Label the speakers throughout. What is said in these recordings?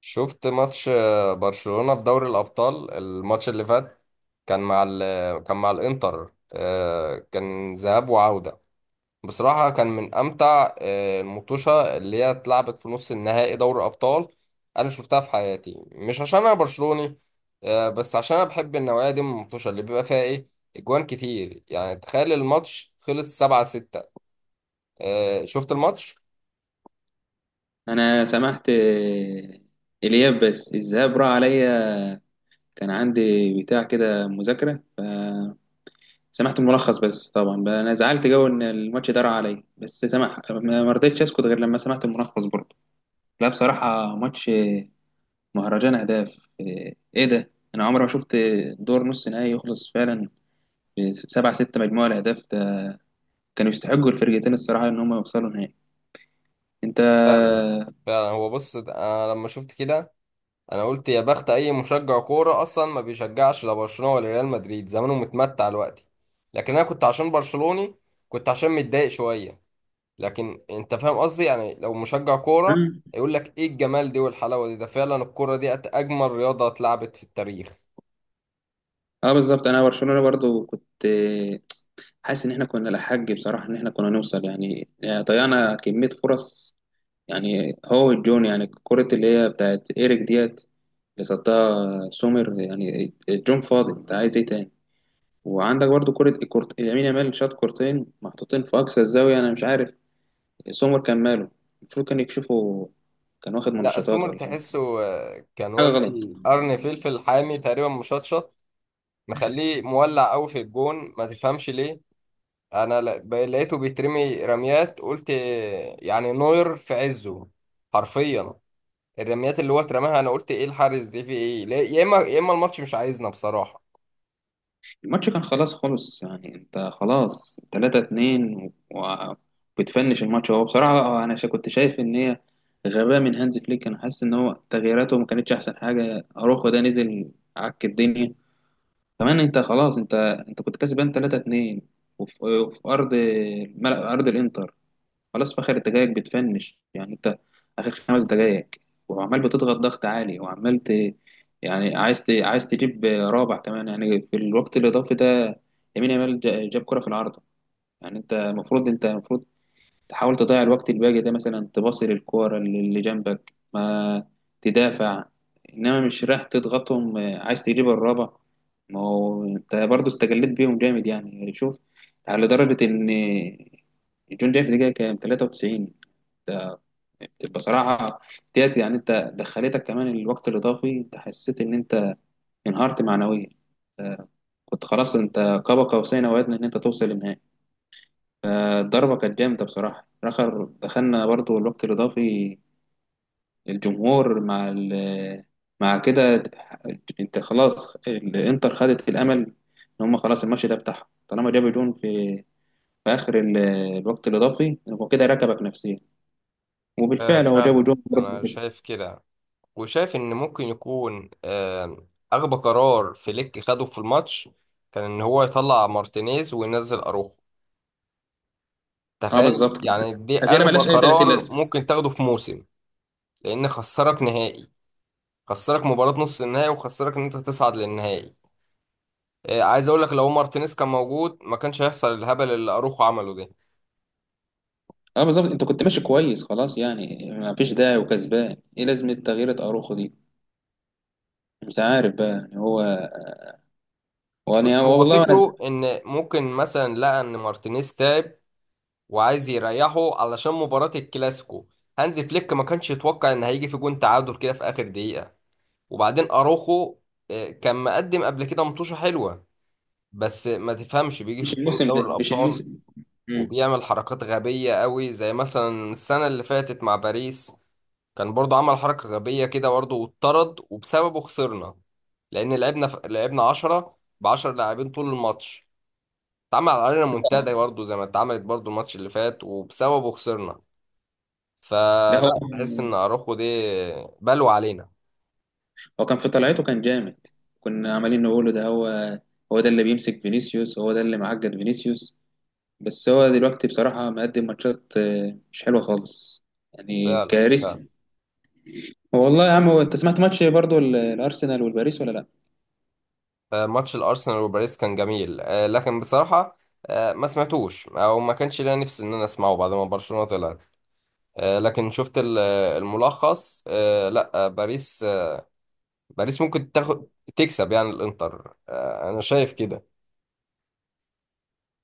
Speaker 1: شفت ماتش برشلونة في دوري الأبطال. الماتش اللي فات كان مع ال كان مع الإنتر، كان ذهاب وعودة. بصراحة كان من أمتع المطوشة اللي هي اتلعبت في نص النهائي دوري أبطال أنا شفتها في حياتي، مش عشان أنا برشلوني، بس عشان أنا بحب النوعية دي من المطوشة اللي بيبقى فيها إيه أجوان كتير. يعني تخيل الماتش خلص 7-6. شفت الماتش؟
Speaker 2: انا سمحت، آه. الياب، بس الذهاب راح عليا. كان عندي بتاع كده مذاكره فسمحت الملخص بس. طبعا بقى انا زعلت جو ان الماتش ده راح عليا، بس سمح. ما رضيتش اسكت غير لما سمعت الملخص برضه. لا بصراحه ماتش مهرجان اهداف، ايه ده! انا عمري ما شفت دور نص نهائي يخلص فعلا 7-6. مجموعة الأهداف ده، كانوا يستحقوا الفرقتين الصراحة إن هم يوصلوا نهائي. أنت...
Speaker 1: فعلا. فعلا هو، بص، أنا لما شفت كده انا قلت يا بخت اي مشجع كوره اصلا ما بيشجعش لا برشلونه ولا ريال مدريد، زمانه متمتع دلوقتي. لكن انا كنت عشان برشلوني، كنت عشان متضايق شويه. لكن انت فاهم قصدي يعني لو مشجع كوره
Speaker 2: مم.
Speaker 1: يقول لك ايه الجمال دي والحلاوه دي، ده فعلا الكوره دي اجمل رياضه اتلعبت في التاريخ.
Speaker 2: اه بالظبط. انا برشلونه برضو كنت حاسس ان احنا كنا لحق بصراحه، ان احنا كنا نوصل يعني ضيعنا كميه فرص. يعني هو الجون، يعني كرة اللي هي بتاعت ايريك ديت اللي صدها سومر. يعني الجون فاضي، انت عايز ايه تاني؟ وعندك برضو كرة يمين يامال شاط كورتين محطوطين في اقصى الزاويه، انا مش عارف سومر كان ماله. المفروض كان يكشفه. كان واخد
Speaker 1: لا،
Speaker 2: منشطات
Speaker 1: السمر
Speaker 2: ولا إيه؟
Speaker 1: تحسه، كان
Speaker 2: حاجه غلط.
Speaker 1: واكل قرن فلفل حامي تقريبا مشطشط، مخليه مولع قوي في الجون ما تفهمش ليه. انا لقيته بيترمي رميات، قلت يعني نوير في عزه حرفيا. الرميات اللي هو اترماها انا قلت ايه الحارس دي في ايه؟ يا اما يا اما الماتش مش عايزنا بصراحة.
Speaker 2: الماتش كان خلاص خلص، يعني انت خلاص 3-2 وبتفنش الماتش. هو بصراحة انا كنت شايف ان هي غباء من هانز فليك. انا حاسس ان هو تغييراته ما كانتش احسن حاجة. اروخو ده نزل عك الدنيا كمان. انت خلاص، انت كنت كسبان 3-2 وفي ارض ملعب ارض الانتر. خلاص في آخر الدقايق بتفنش، يعني أنت آخر 5 دقايق وعمال بتضغط ضغط عالي، يعني عايز تجيب رابع كمان يعني في الوقت الإضافي ده. يمين يامال جاب كرة في العارضة. يعني أنت المفروض تحاول تضيع الوقت الباقي ده، مثلا تباصي للكورة اللي جنبك، ما تدافع. إنما مش رايح تضغطهم، عايز تجيب الرابع. ما هو أنت برضه استجليت بيهم جامد يعني شوف، على درجة إن جون جاي في دقيقة كام؟ 93! بتبقى صراحة ديت. يعني انت دخلتك كمان الوقت الاضافي، انت حسيت ان انت انهارت معنويا. آه، كنت خلاص انت قاب قوسين او ادنى ان انت توصل للنهائي. فالضربة كانت جامدة بصراحة. اخر دخلنا برضو الوقت الاضافي، الجمهور مع مع كده. انت خلاص الانتر خدت الامل ان هم خلاص الماتش ده بتاعهم طالما جابوا جون في اخر الوقت الاضافي. هو كده ركبك نفسيا.
Speaker 1: آه
Speaker 2: وبالفعل هو جابوا
Speaker 1: فعلا،
Speaker 2: جون برضه
Speaker 1: انا
Speaker 2: وكسب.
Speaker 1: شايف كده. وشايف ان ممكن يكون اغبى قرار فليك خده في الماتش كان ان هو يطلع مارتينيز وينزل اروخو.
Speaker 2: اه
Speaker 1: تخيل
Speaker 2: بالظبط كده،
Speaker 1: يعني دي
Speaker 2: تغييره
Speaker 1: اغبى
Speaker 2: ملهاش اي 30
Speaker 1: قرار
Speaker 2: لازمه.
Speaker 1: ممكن تاخده في موسم. لان خسرك نهائي، خسرك مباراة نص النهائي وخسرك ان انت تصعد للنهائي. عايز اقول لك لو مارتينيز كان موجود ما كانش هيحصل الهبل اللي اروخو عمله ده.
Speaker 2: اه بالظبط، انت كنت ماشي كويس خلاص يعني. ما فيش داعي، وكسبان ايه لازمه تغيير اروخو دي؟ مش عارف بقى يعني هو.
Speaker 1: بص،
Speaker 2: وانا
Speaker 1: هو
Speaker 2: والله أنا...
Speaker 1: فكره ان ممكن مثلا لقى ان مارتينيز تعب وعايز يريحه علشان مباراة الكلاسيكو. هانزي فليك ما كانش يتوقع ان هيجي في جون تعادل كده في اخر دقيقة. وبعدين اروخو، كان مقدم قبل كده مطوشة حلوة، بس ما تفهمش بيجي في
Speaker 2: مش
Speaker 1: بطولة
Speaker 2: الموسم
Speaker 1: دوري
Speaker 2: ده، مش
Speaker 1: الابطال
Speaker 2: الموسم. مم.
Speaker 1: وبيعمل حركات غبية قوي، زي مثلا السنة اللي فاتت مع باريس كان برضو عمل حركة غبية كده برضو واتطرد وبسببه خسرنا. لأن لعبنا لعبنا 10 ب 10 لاعبين طول الماتش، اتعمل علينا منتدى برضو زي ما اتعملت برضو الماتش اللي فات وبسببه خسرنا.
Speaker 2: لا هو
Speaker 1: فلا تحس إن أروخو دي بلوى علينا.
Speaker 2: هو كان في طلعته كان جامد. كنا عمالين نقوله ده هو، هو ده اللي بيمسك فينيسيوس، هو ده اللي معقد فينيسيوس. بس هو دلوقتي بصراحة مقدم ماتشات مش حلوة خالص، يعني
Speaker 1: فعلا. فعلا.
Speaker 2: كارثي. والله يا عم، هو انت سمعت ماتش برضو الأرسنال والباريس ولا لا؟
Speaker 1: ماتش الأرسنال وباريس كان جميل، لكن بصراحة، ما سمعتوش أو ما كانش ليا نفس إن أنا أسمعه بعد ما برشلونة طلعت. لكن شفت الملخص. لا، باريس، باريس ممكن تاخد تكسب يعني الانتر. انا شايف كده.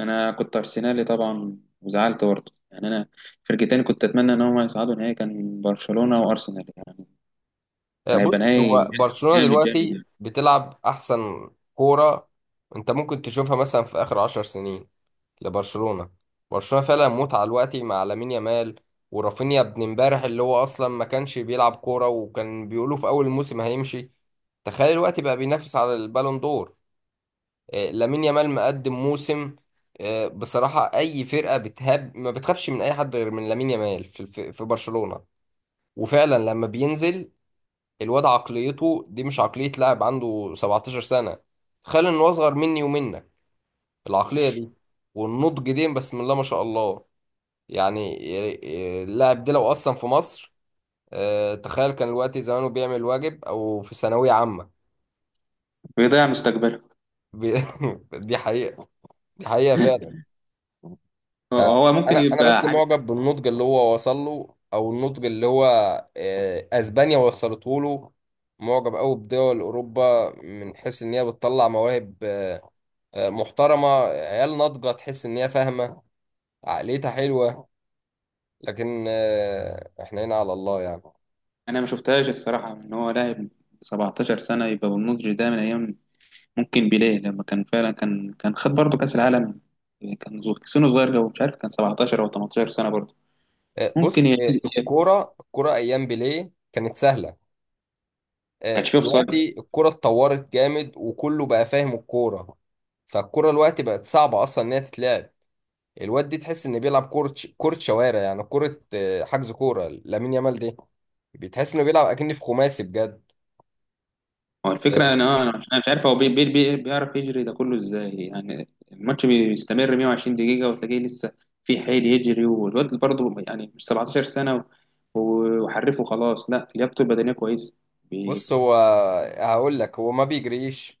Speaker 2: انا كنت ارسنالي طبعا، وزعلت برضه يعني انا. فرقتين كنت اتمنى ان هم يصعدوا نهائي، كان برشلونه وارسنال يعني، كان هيبقى
Speaker 1: بص، هو
Speaker 2: نهائي
Speaker 1: برشلونة
Speaker 2: جامد
Speaker 1: دلوقتي
Speaker 2: يعني.
Speaker 1: بتلعب احسن كورة انت ممكن تشوفها مثلا في اخر 10 سنين لبرشلونة. برشلونة فعلا متعة دلوقتي مع لامين يامال ورافينيا، ابن امبارح اللي هو اصلا ما كانش بيلعب كورة وكان بيقولوا في اول الموسم هيمشي، تخيل الوقت بقى بينافس على البالون دور. لامين يامال مقدم موسم. بصراحة أي فرقة بتهاب ما بتخافش من أي حد غير من لامين يامال في برشلونة. وفعلا لما بينزل الواد، عقليته دي مش عقلية لاعب عنده 17 سنة. تخيل إن هو أصغر مني ومنك. العقلية دي والنضج دي بسم الله ما شاء الله، يعني. اللاعب ده لو أصلا في مصر، تخيل كان الوقت زمانه بيعمل واجب أو في ثانوية عامة.
Speaker 2: بيضيع مستقبله.
Speaker 1: بي- دي حقيقة. دي حقيقة فعلا.
Speaker 2: هو ممكن
Speaker 1: انا
Speaker 2: يبقى
Speaker 1: بس
Speaker 2: عارف.
Speaker 1: معجب بالنضج اللي هو وصل له، او النضج اللي هو، اسبانيا وصلته له. معجب قوي بدول اوروبا من حيث ان هي بتطلع مواهب، محترمه، عيال ناضجه تحس ان هي فاهمه. عقليتها حلوه. لكن، احنا هنا على الله يعني.
Speaker 2: انا ما شفتهاش الصراحه، ان هو لاعب 17 سنه يبقى بالنضج ده من ايام ممكن بيليه، لما كان فعلا كان خد برضه كاس العالم. كان سنه صغير قوي، مش عارف كان 17 او 18 سنه برضه. ممكن
Speaker 1: بص، الكوره ايام بيليه كانت سهله.
Speaker 2: كانش فيه اوفسايد.
Speaker 1: دلوقتي الكوره اتطورت جامد، وكله بقى فاهم الكوره، فالكوره دلوقتي بقت صعبه اصلا ان هي تتلعب. الواد دي تحس انه بيلعب كورة كورة شوارع، يعني كورة، حجز، كورة لامين يامال دي بتحس انه بيلعب اكني في خماسي بجد.
Speaker 2: هو الفكرة،
Speaker 1: آه،
Speaker 2: أنا مش عارف هو بي بي بي بيعرف يجري ده كله إزاي. يعني الماتش بيستمر 120 دقيقة وتلاقيه لسه في حيل يجري. والواد برضه يعني مش 17 سنة، وحرفه خلاص. لا، لياقته البدنية كويسة. بي-
Speaker 1: بص، هو هقول لك هو ما بيجريش.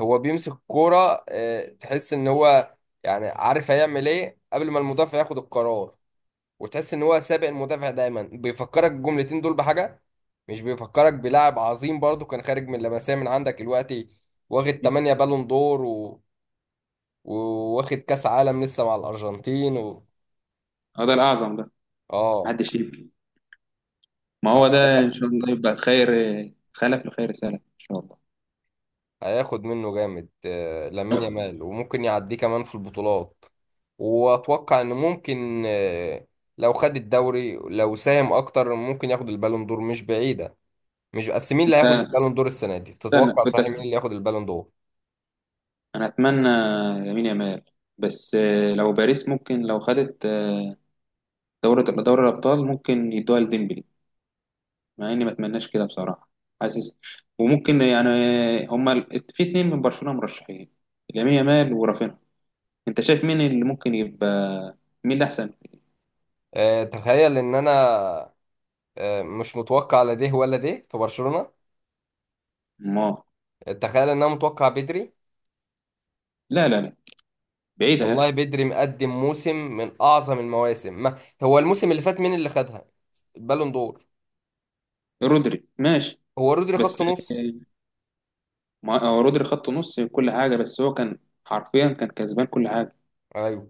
Speaker 1: هو بيمسك الكورة، تحس ان هو يعني عارف هيعمل ايه قبل ما المدافع ياخد القرار، وتحس ان هو سابق المدافع دايما. بيفكرك الجملتين دول بحاجة، مش بيفكرك بلاعب عظيم برضو كان خارج من لمسية من عندك دلوقتي، واخد 8
Speaker 2: ميسي
Speaker 1: بالون دور وواخد كاس عالم لسه مع الارجنتين.
Speaker 2: هو ده الأعظم ده.
Speaker 1: اه.
Speaker 2: محدش يبكي، ما هو ده
Speaker 1: فلا،
Speaker 2: إن شاء الله يبقى خير. خلف لخير سلف إن شاء الله.
Speaker 1: هياخد منه جامد. لامين يامال، وممكن يعديه كمان في البطولات. واتوقع ان ممكن، لو خد الدوري، لو ساهم اكتر، ممكن ياخد البالون دور، مش بعيدة. مش بس، مين اللي هياخد
Speaker 2: أنت
Speaker 1: البالون دور السنة دي؟
Speaker 2: استنى
Speaker 1: تتوقع
Speaker 2: كنت
Speaker 1: صحيح
Speaker 2: أست...
Speaker 1: مين اللي ياخد البالون دور؟
Speaker 2: أنا أتمنى يمين يامال، بس لو باريس ممكن لو خدت دورة دوري الأبطال، ممكن يدوها لديمبلي، مع اني ما اتمناش كده بصراحه. حاسس. وممكن يعني هما في اتنين من برشلونه مرشحين: لامين يامال ورافينها. انت شايف مين اللي ممكن يبقى مين اللي احسن؟
Speaker 1: تخيل ان انا، مش متوقع لا ده ولا ده في برشلونة.
Speaker 2: ما...
Speaker 1: تخيل ان انا متوقع بدري.
Speaker 2: لا لا لا، بعيده يا اخي.
Speaker 1: والله بدري مقدم موسم من اعظم المواسم. ما هو الموسم اللي فات مين اللي خدها البالون دور؟
Speaker 2: رودري ماشي،
Speaker 1: هو رودري،
Speaker 2: بس
Speaker 1: خط نص.
Speaker 2: ما هو رودري خط نص كل حاجه، بس هو كان حرفيا كان كسبان كل حاجه.
Speaker 1: ايوه.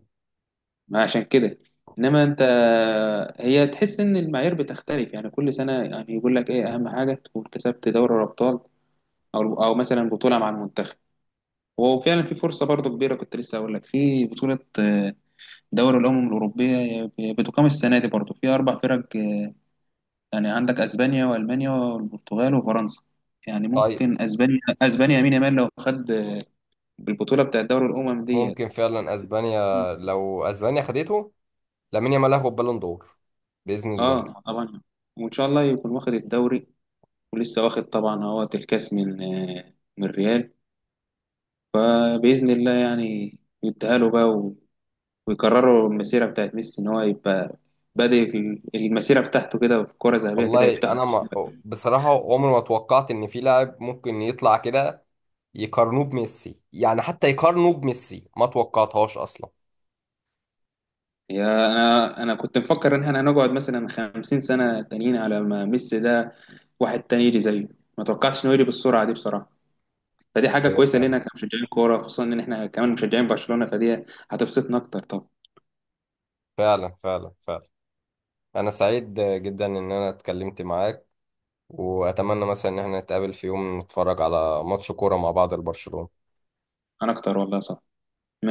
Speaker 2: ما عشان كده، انما انت هي تحس ان المعايير بتختلف يعني كل سنه. يعني يقول لك ايه اهم حاجه تكون كسبت دوري الابطال او مثلا بطوله مع المنتخب. وفعلا في فرصة برضو كبيرة. كنت لسه هقول لك، في بطولة دوري الأمم الأوروبية بتقام السنة دي برضو في أربع فرق. يعني عندك أسبانيا وألمانيا والبرتغال وفرنسا. يعني
Speaker 1: طيب،
Speaker 2: ممكن أسبانيا، يمين يامال لو خد البطولة بتاعت دوري الأمم ديت،
Speaker 1: ممكن فعلا اسبانيا. لو اسبانيا خدته، لامين يامال هياخد بالون دور باذن الله.
Speaker 2: اه طبعا. وان شاء الله يكون واخد الدوري، ولسه واخد طبعا هو الكاس من من ريال. باذن الله يعني يديها له بقى. ويكرروا المسيرة بتاعت ميسي إن هو يبقى بادئ المسيرة بتاعته كده في كرة ذهبية كده
Speaker 1: والله
Speaker 2: يفتحها.
Speaker 1: انا ما... بصراحه عمري ما توقعت ان في لاعب ممكن يطلع كده يقارنوه بميسي، يعني حتى يقارنوه بميسي ما توقعتهاش اصلا.
Speaker 2: يا أنا كنت مفكر إن إحنا هنقعد مثلا 50 سنة تانيين على ما ميسي ده واحد تاني يجي زيه. ما توقعتش إنه يجي بالسرعة دي بصراحة. فدي حاجة
Speaker 1: ايوه
Speaker 2: كويسة
Speaker 1: فعلا.
Speaker 2: لينا كمشجعين كورة، خصوصا إن إحنا كمان مشجعين برشلونة فدي هتبسطنا أكتر طبعا.
Speaker 1: فعلا فعلا فعلا انا سعيد جدا ان انا اتكلمت معاك، واتمنى مثلا ان احنا نتقابل في يوم نتفرج على ماتش كوره مع بعض لبرشلونه.
Speaker 2: أنا أكتر والله صح.